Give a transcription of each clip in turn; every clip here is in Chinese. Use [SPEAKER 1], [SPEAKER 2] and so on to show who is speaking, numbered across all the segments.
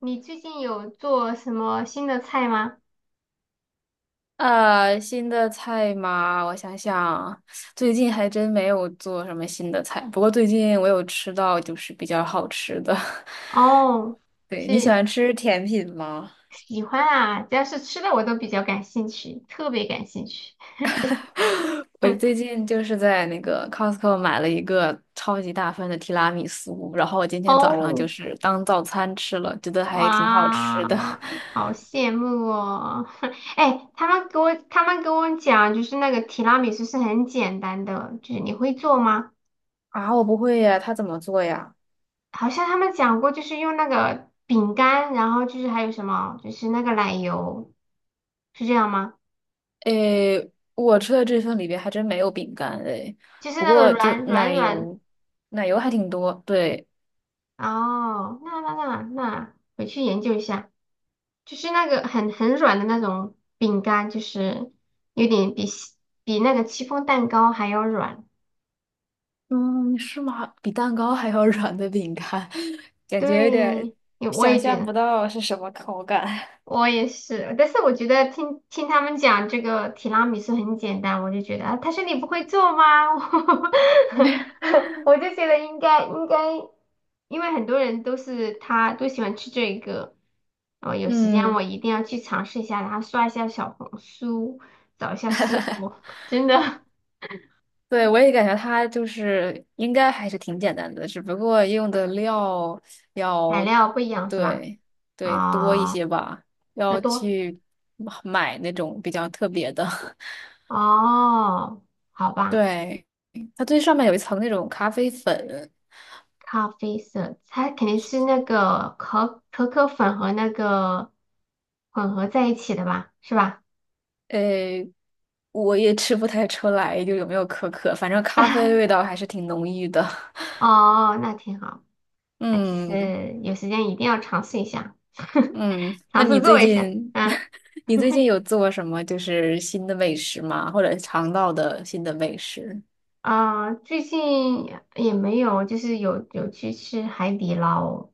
[SPEAKER 1] 你最近有做什么新的菜吗？
[SPEAKER 2] 新的菜吗？我想想，最近还真没有做什么新的菜。不过最近我有吃到就是比较好吃的。
[SPEAKER 1] 哦，
[SPEAKER 2] 对，你喜
[SPEAKER 1] 是。
[SPEAKER 2] 欢吃甜品吗？
[SPEAKER 1] 喜欢啊，只要是吃的我都比较感兴趣，特别感兴趣。
[SPEAKER 2] 我最近就是在那个 Costco 买了一个超级大份的提拉米苏，然后我今天早上
[SPEAKER 1] 哦，
[SPEAKER 2] 就是当早餐吃了，觉得还挺好吃的。
[SPEAKER 1] 哇，好羡慕哦！哎，他们给我讲，就是那个提拉米苏是很简单的，就是你会做吗？
[SPEAKER 2] 啊，我不会呀，它怎么做呀？
[SPEAKER 1] 好像他们讲过，就是用那个饼干，然后就是还有什么，就是那个奶油，是这样吗？
[SPEAKER 2] 诶，我吃的这份里边还真没有饼干诶，
[SPEAKER 1] 就是
[SPEAKER 2] 不
[SPEAKER 1] 那个
[SPEAKER 2] 过就
[SPEAKER 1] 软软
[SPEAKER 2] 奶
[SPEAKER 1] 软。
[SPEAKER 2] 油，奶油还挺多。对，
[SPEAKER 1] 哦，那回去研究一下，就是那个很软的那种饼干，就是有点比那个戚风蛋糕还要软。
[SPEAKER 2] 嗯，是吗？比蛋糕还要软的饼干，感觉有
[SPEAKER 1] 对，
[SPEAKER 2] 点想
[SPEAKER 1] 也觉
[SPEAKER 2] 象
[SPEAKER 1] 得。
[SPEAKER 2] 不到是什么口感。
[SPEAKER 1] 我也是，但是我觉得听听他们讲这个提拉米苏很简单，我就觉得啊，他说你不会做吗？我就觉得应该，因为很多人他都喜欢吃这个，哦，有时间
[SPEAKER 2] 嗯，
[SPEAKER 1] 我一定要去尝试一下，然后刷一下小红书，我真的
[SPEAKER 2] 对，我也感觉它就是应该还是挺简单的，只不过用的料
[SPEAKER 1] 材
[SPEAKER 2] 要
[SPEAKER 1] 料不一样是吧？
[SPEAKER 2] 对对多一
[SPEAKER 1] 啊、
[SPEAKER 2] 些吧，
[SPEAKER 1] 要
[SPEAKER 2] 要
[SPEAKER 1] 多
[SPEAKER 2] 去买那种比较特别的。
[SPEAKER 1] 哦，好吧。
[SPEAKER 2] 对，它最上面有一层那种咖啡粉，
[SPEAKER 1] 咖啡色，它肯定是那个可可粉和那个混合在一起的吧，是吧？
[SPEAKER 2] 诶，我也吃不太出来，就有没有可可，反正咖啡味道 还是挺浓郁的。
[SPEAKER 1] 哦，那挺好。啊，其
[SPEAKER 2] 嗯
[SPEAKER 1] 实有时间一定要尝试一下，
[SPEAKER 2] 嗯，那
[SPEAKER 1] 尝试
[SPEAKER 2] 你最
[SPEAKER 1] 做一下。
[SPEAKER 2] 近
[SPEAKER 1] 嗯，
[SPEAKER 2] 你最近 有做什么就是新的美食吗？或者尝到的新的美食？
[SPEAKER 1] 啊，最近也没有，就是有去吃海底捞，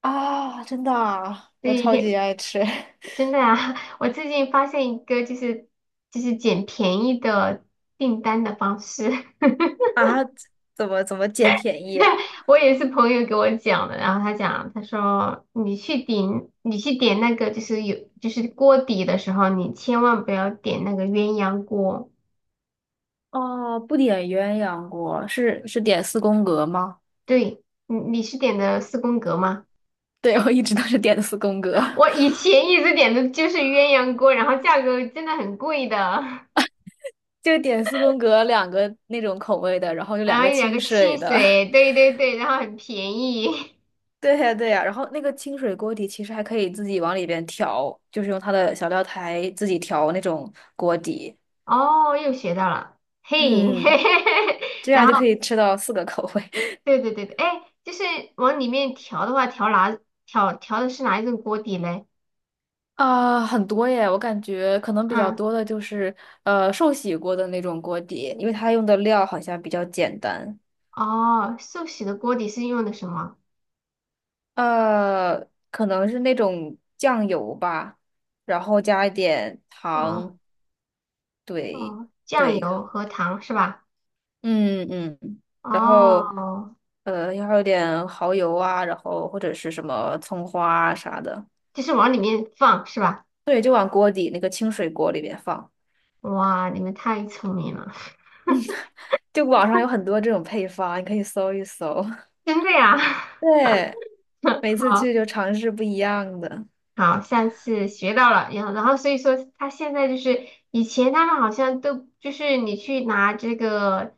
[SPEAKER 2] 啊，真的啊我超级
[SPEAKER 1] 对，
[SPEAKER 2] 爱吃
[SPEAKER 1] 真的啊，我最近发现一个就是捡便宜的订单的方式。
[SPEAKER 2] 啊！怎么捡便宜啊？
[SPEAKER 1] 我也是朋友给我讲的，然后他讲，他说你去点那个就是有就是锅底的时候，你千万不要点那个鸳鸯锅。
[SPEAKER 2] 哦，不点鸳鸯锅，是点四宫格吗？
[SPEAKER 1] 对，你是点的四宫格吗？
[SPEAKER 2] 对，我一直都是点的四宫格。
[SPEAKER 1] 我以前一直点的就是鸳鸯锅，然后价格真的很贵的，
[SPEAKER 2] 就点四宫格两个那种口味的，然后有
[SPEAKER 1] 然
[SPEAKER 2] 两
[SPEAKER 1] 后
[SPEAKER 2] 个
[SPEAKER 1] 有两
[SPEAKER 2] 清
[SPEAKER 1] 个汽
[SPEAKER 2] 水的。
[SPEAKER 1] 水，对对对，然后很便宜。
[SPEAKER 2] 对呀，对呀，然后那个清水锅底其实还可以自己往里边调，就是用它的小料台自己调那种锅底。
[SPEAKER 1] 哦，又学到了，嘿，
[SPEAKER 2] 嗯，这
[SPEAKER 1] 然
[SPEAKER 2] 样就
[SPEAKER 1] 后。
[SPEAKER 2] 可以吃到四个口味
[SPEAKER 1] 对对对对，哎，就是往里面调的话，调的是哪一种锅底嘞？
[SPEAKER 2] 啊，很多耶！我感觉可能比较
[SPEAKER 1] 嗯，
[SPEAKER 2] 多的就是寿喜锅的那种锅底，因为它用的料好像比较简单，
[SPEAKER 1] 哦，寿喜的锅底是用的什么？
[SPEAKER 2] 呃，可能是那种酱油吧，然后加一点
[SPEAKER 1] 哦
[SPEAKER 2] 糖，对。
[SPEAKER 1] 哦，酱
[SPEAKER 2] 对，
[SPEAKER 1] 油和糖是吧？
[SPEAKER 2] 嗯嗯，然后
[SPEAKER 1] 哦，
[SPEAKER 2] 要有点蚝油啊，然后或者是什么葱花啊啥的，
[SPEAKER 1] 就是往里面放是吧？
[SPEAKER 2] 对，就往锅底那个清水锅里边放。
[SPEAKER 1] 哇，你们太聪明了，
[SPEAKER 2] 就网上有很多这种配方，你可以搜一搜。
[SPEAKER 1] 真的呀！
[SPEAKER 2] 对，每次 去就尝试不一样的。
[SPEAKER 1] 好，下次学到了，然后所以说他现在就是以前他们好像都就是你去拿这个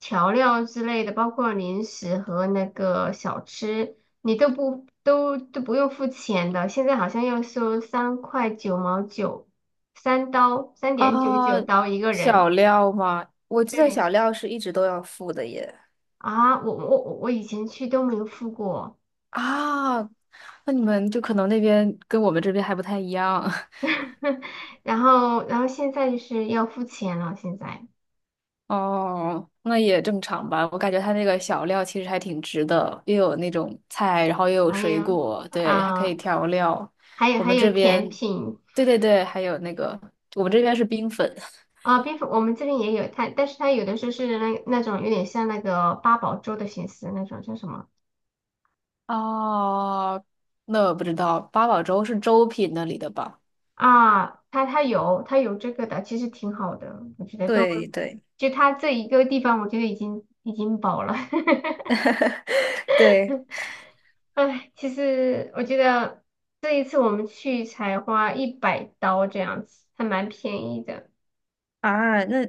[SPEAKER 1] 调料之类的，包括零食和那个小吃，你都不用付钱的，现在好像要收3.99块，3刀三点九九
[SPEAKER 2] 啊，
[SPEAKER 1] 刀一个人。
[SPEAKER 2] 小料吗？我记得
[SPEAKER 1] 对
[SPEAKER 2] 小料是一直都要付的耶。
[SPEAKER 1] 啊，我以前去都没有付过，
[SPEAKER 2] 啊，那你们就可能那边跟我们这边还不太一样。
[SPEAKER 1] 然后现在就是要付钱了，现在，
[SPEAKER 2] 哦，那也正常吧。我感觉它那个小料其实还挺值的，又有那种菜，然后又有
[SPEAKER 1] 哎
[SPEAKER 2] 水
[SPEAKER 1] 呀。
[SPEAKER 2] 果，对，还可以
[SPEAKER 1] 啊、
[SPEAKER 2] 调料。
[SPEAKER 1] 还有
[SPEAKER 2] 我
[SPEAKER 1] 还
[SPEAKER 2] 们
[SPEAKER 1] 有
[SPEAKER 2] 这
[SPEAKER 1] 甜
[SPEAKER 2] 边，
[SPEAKER 1] 品
[SPEAKER 2] 对对对，还有那个，我们这边是冰粉。
[SPEAKER 1] 啊，冰粉我们这边也有它，但是它有的时候是那种有点像那个八宝粥的形式，那种叫什么
[SPEAKER 2] 哦 那我不知道，八宝粥是粥品那里的吧？
[SPEAKER 1] 啊？它有这个的，其实挺好的，我觉得都
[SPEAKER 2] 对对
[SPEAKER 1] 就它这一个地方，我觉得已经饱了。
[SPEAKER 2] 对
[SPEAKER 1] 唉，其实我觉得这一次我们去才花100刀这样子，还蛮便宜的。
[SPEAKER 2] 啊，那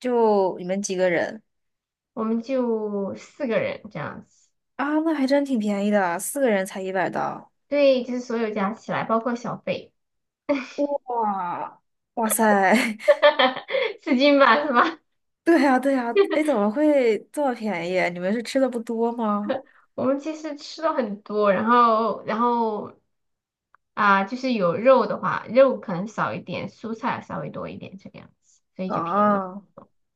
[SPEAKER 2] 就你们几个人
[SPEAKER 1] 我们就四个人这样子，
[SPEAKER 2] 啊？那还真挺便宜的，四个人才100刀。
[SPEAKER 1] 对，就是所有加起来，包括小费，
[SPEAKER 2] 哇哇塞，
[SPEAKER 1] 4斤吧，是吧？
[SPEAKER 2] 对呀，对呀，哎，怎么会这么便宜啊？你们是吃的不多吗？
[SPEAKER 1] 我们其实吃了很多，然后啊、就是有肉的话，肉可能少一点，蔬菜稍微多一点这个样子，所以就便宜。
[SPEAKER 2] 啊，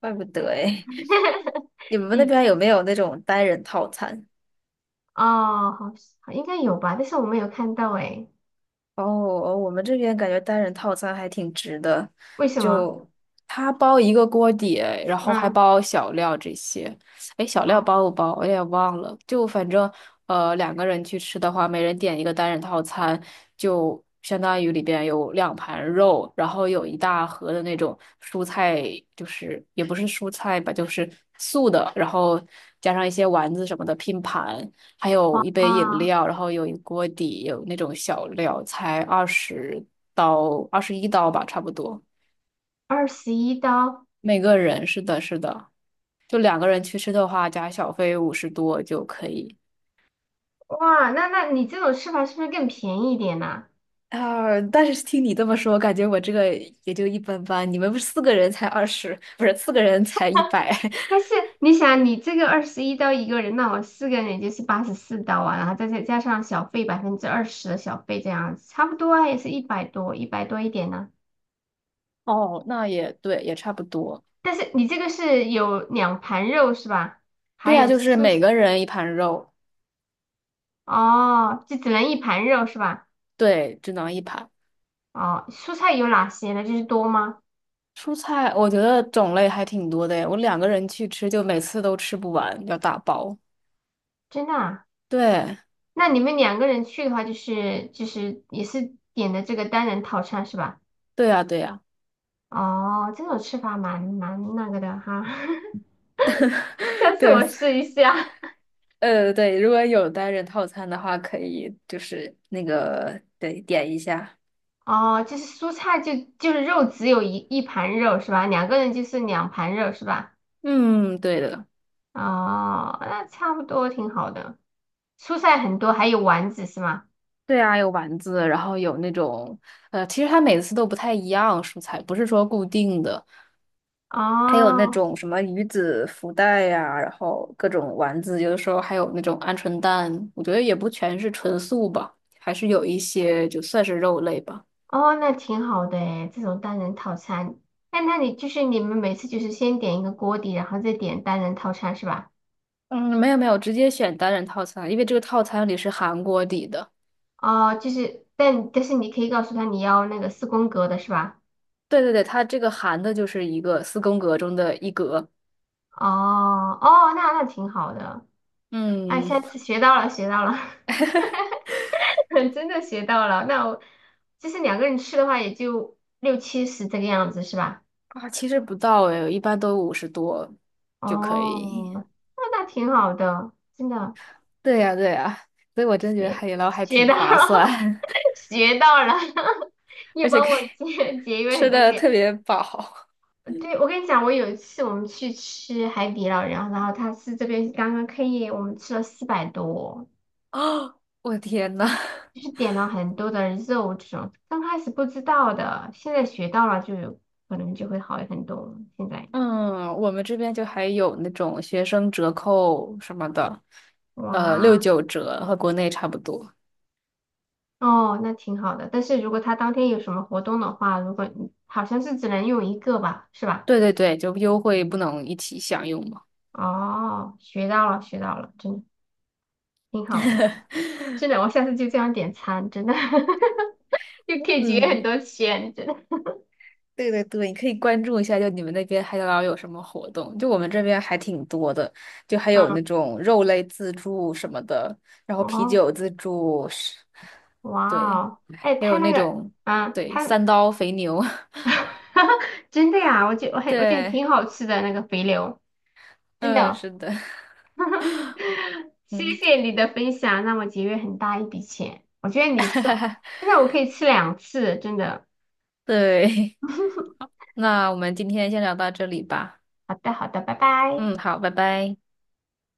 [SPEAKER 2] 怪不得哎。你们那
[SPEAKER 1] 你
[SPEAKER 2] 边有没有那种单人套餐？
[SPEAKER 1] 哦，好像应该有吧，但是我没有看到诶，
[SPEAKER 2] 哦哦，我们这边感觉单人套餐还挺值的，
[SPEAKER 1] 为什么？
[SPEAKER 2] 就他包一个锅底，然后还
[SPEAKER 1] 嗯，
[SPEAKER 2] 包小料这些。哎，小料
[SPEAKER 1] 哦，
[SPEAKER 2] 包不包？我也忘了。就反正两个人去吃的话，每人点一个单人套餐，就相当于里边有两盘肉，然后有一大盒的那种蔬菜，就是也不是蔬菜吧，就是素的，然后加上一些丸子什么的拼盘。还
[SPEAKER 1] 哇，
[SPEAKER 2] 有一杯饮料，然后有一锅底，有那种小料，才20刀，21刀吧，差不多。
[SPEAKER 1] 二十一刀，
[SPEAKER 2] 每个人，是的，是的，就两个人去吃的话，加小费五十多就可以。
[SPEAKER 1] 哇，那你这种吃法是不是更便宜一点呢、
[SPEAKER 2] 啊，但是听你这么说，感觉我这个也就一般般。你们不是四个人才二十，不是四个人才一百。
[SPEAKER 1] 但是 你想，你这个二十一刀一个人，那我四个人也就是84刀啊，然后再加上小费20%的小费这样子，差不多啊，也是一百多，一百多一点呢、
[SPEAKER 2] 哦，那也对，也差不多。
[SPEAKER 1] 但是你这个是有两盘肉是吧？还
[SPEAKER 2] 对啊，
[SPEAKER 1] 有
[SPEAKER 2] 就是
[SPEAKER 1] 素
[SPEAKER 2] 每
[SPEAKER 1] 菜
[SPEAKER 2] 个人一盘肉，
[SPEAKER 1] 哦，就只能一盘肉是吧？
[SPEAKER 2] 对，只能一盘。
[SPEAKER 1] 哦，蔬菜有哪些呢？就是多吗？
[SPEAKER 2] 蔬菜我觉得种类还挺多的诶，我两个人去吃，就每次都吃不完，要打包。
[SPEAKER 1] 真的啊？
[SPEAKER 2] 对，
[SPEAKER 1] 那你们两个人去的话，就是也是点的这个单人套餐是吧？
[SPEAKER 2] 对呀，对呀，
[SPEAKER 1] 哦，这种吃法蛮那个的哈。下 次
[SPEAKER 2] 对，
[SPEAKER 1] 我试一下。
[SPEAKER 2] 对，如果有单人套餐的话，可以就是那个，对，点一下。
[SPEAKER 1] 哦，就是蔬菜就是肉只有一盘肉是吧？两个人就是两盘肉是吧？
[SPEAKER 2] 嗯，对的，
[SPEAKER 1] 哦，那差不多挺好的。蔬菜很多，还有丸子是吗？
[SPEAKER 2] 对啊，有丸子，然后有那种，其实它每次都不太一样，蔬菜不是说固定的。还有那
[SPEAKER 1] 哦
[SPEAKER 2] 种什么鱼子福袋呀、然后各种丸子，有的时候还有那种鹌鹑蛋，我觉得也不全是纯素吧，还是有一些就算是肉类吧。
[SPEAKER 1] 哦，那挺好的诶，这种单人套餐。那你就是你们每次就是先点一个锅底，然后再点单人套餐是吧？
[SPEAKER 2] 嗯，没有没有，直接选单人套餐，因为这个套餐里是含锅底的。
[SPEAKER 1] 哦，就是但是你可以告诉他你要那个四宫格的是吧？
[SPEAKER 2] 对对对，它这个含的就是一个四宫格中的一格。
[SPEAKER 1] 哦哦，那挺好的。哎，
[SPEAKER 2] 嗯，
[SPEAKER 1] 下次学到了，学到了。真的学到了。那我就是两个人吃的话，也就六七十这个样子，是吧？
[SPEAKER 2] 啊，其实不到诶，一般都五十多就可以。
[SPEAKER 1] 哦，那挺好的，真的
[SPEAKER 2] 对呀对呀，所以我真觉得海底捞还
[SPEAKER 1] 学学
[SPEAKER 2] 挺
[SPEAKER 1] 到
[SPEAKER 2] 划
[SPEAKER 1] 了，
[SPEAKER 2] 算，
[SPEAKER 1] 学到了，又
[SPEAKER 2] 而且
[SPEAKER 1] 帮
[SPEAKER 2] 可以
[SPEAKER 1] 我 节约很
[SPEAKER 2] 吃
[SPEAKER 1] 多
[SPEAKER 2] 的
[SPEAKER 1] 钱。
[SPEAKER 2] 特别饱。
[SPEAKER 1] 对，我跟你讲，我有一次我们去吃海底捞，然后他是这边刚刚开业，我们吃了400多，
[SPEAKER 2] 哦，我的天呐，
[SPEAKER 1] 就是点了很多的肉这种，刚开始不知道的，现在学到了就有可能就会好很多。现在
[SPEAKER 2] 嗯，我们这边就还有那种学生折扣什么的，六
[SPEAKER 1] 哇。
[SPEAKER 2] 九折和国内差不多。
[SPEAKER 1] 哦，那挺好的。但是如果他当天有什么活动的话，如果你好像是只能用一个吧，是吧？
[SPEAKER 2] 对对对，就优惠不能一起享用嘛。
[SPEAKER 1] 哦，学到了，学到了，真的挺好的。真的，我下次就这样点餐，真的 就可以节约很
[SPEAKER 2] 嗯，
[SPEAKER 1] 多钱，真的。
[SPEAKER 2] 对对对，你可以关注一下，就你们那边海底捞有什么活动？就我们这边还挺多的，就还有
[SPEAKER 1] 嗯，
[SPEAKER 2] 那种肉类自助什么的，然后啤
[SPEAKER 1] 哦，
[SPEAKER 2] 酒自助是，
[SPEAKER 1] 哇
[SPEAKER 2] 对，
[SPEAKER 1] 哦，哎，
[SPEAKER 2] 还
[SPEAKER 1] 他
[SPEAKER 2] 有
[SPEAKER 1] 那
[SPEAKER 2] 那
[SPEAKER 1] 个，
[SPEAKER 2] 种
[SPEAKER 1] 啊，
[SPEAKER 2] 对
[SPEAKER 1] 他
[SPEAKER 2] 3刀肥牛，
[SPEAKER 1] 真的呀，我觉得
[SPEAKER 2] 对，
[SPEAKER 1] 挺好吃的那个肥牛，真
[SPEAKER 2] 嗯，
[SPEAKER 1] 的。
[SPEAKER 2] 是的。
[SPEAKER 1] 谢
[SPEAKER 2] 嗯，
[SPEAKER 1] 谢你的分享，让我节约很大一笔钱。我觉得你说，真的我可以吃2次，真的。
[SPEAKER 2] 对，那我们今天先聊到这里吧。
[SPEAKER 1] 好的，好的，拜拜。
[SPEAKER 2] 嗯，好，拜拜。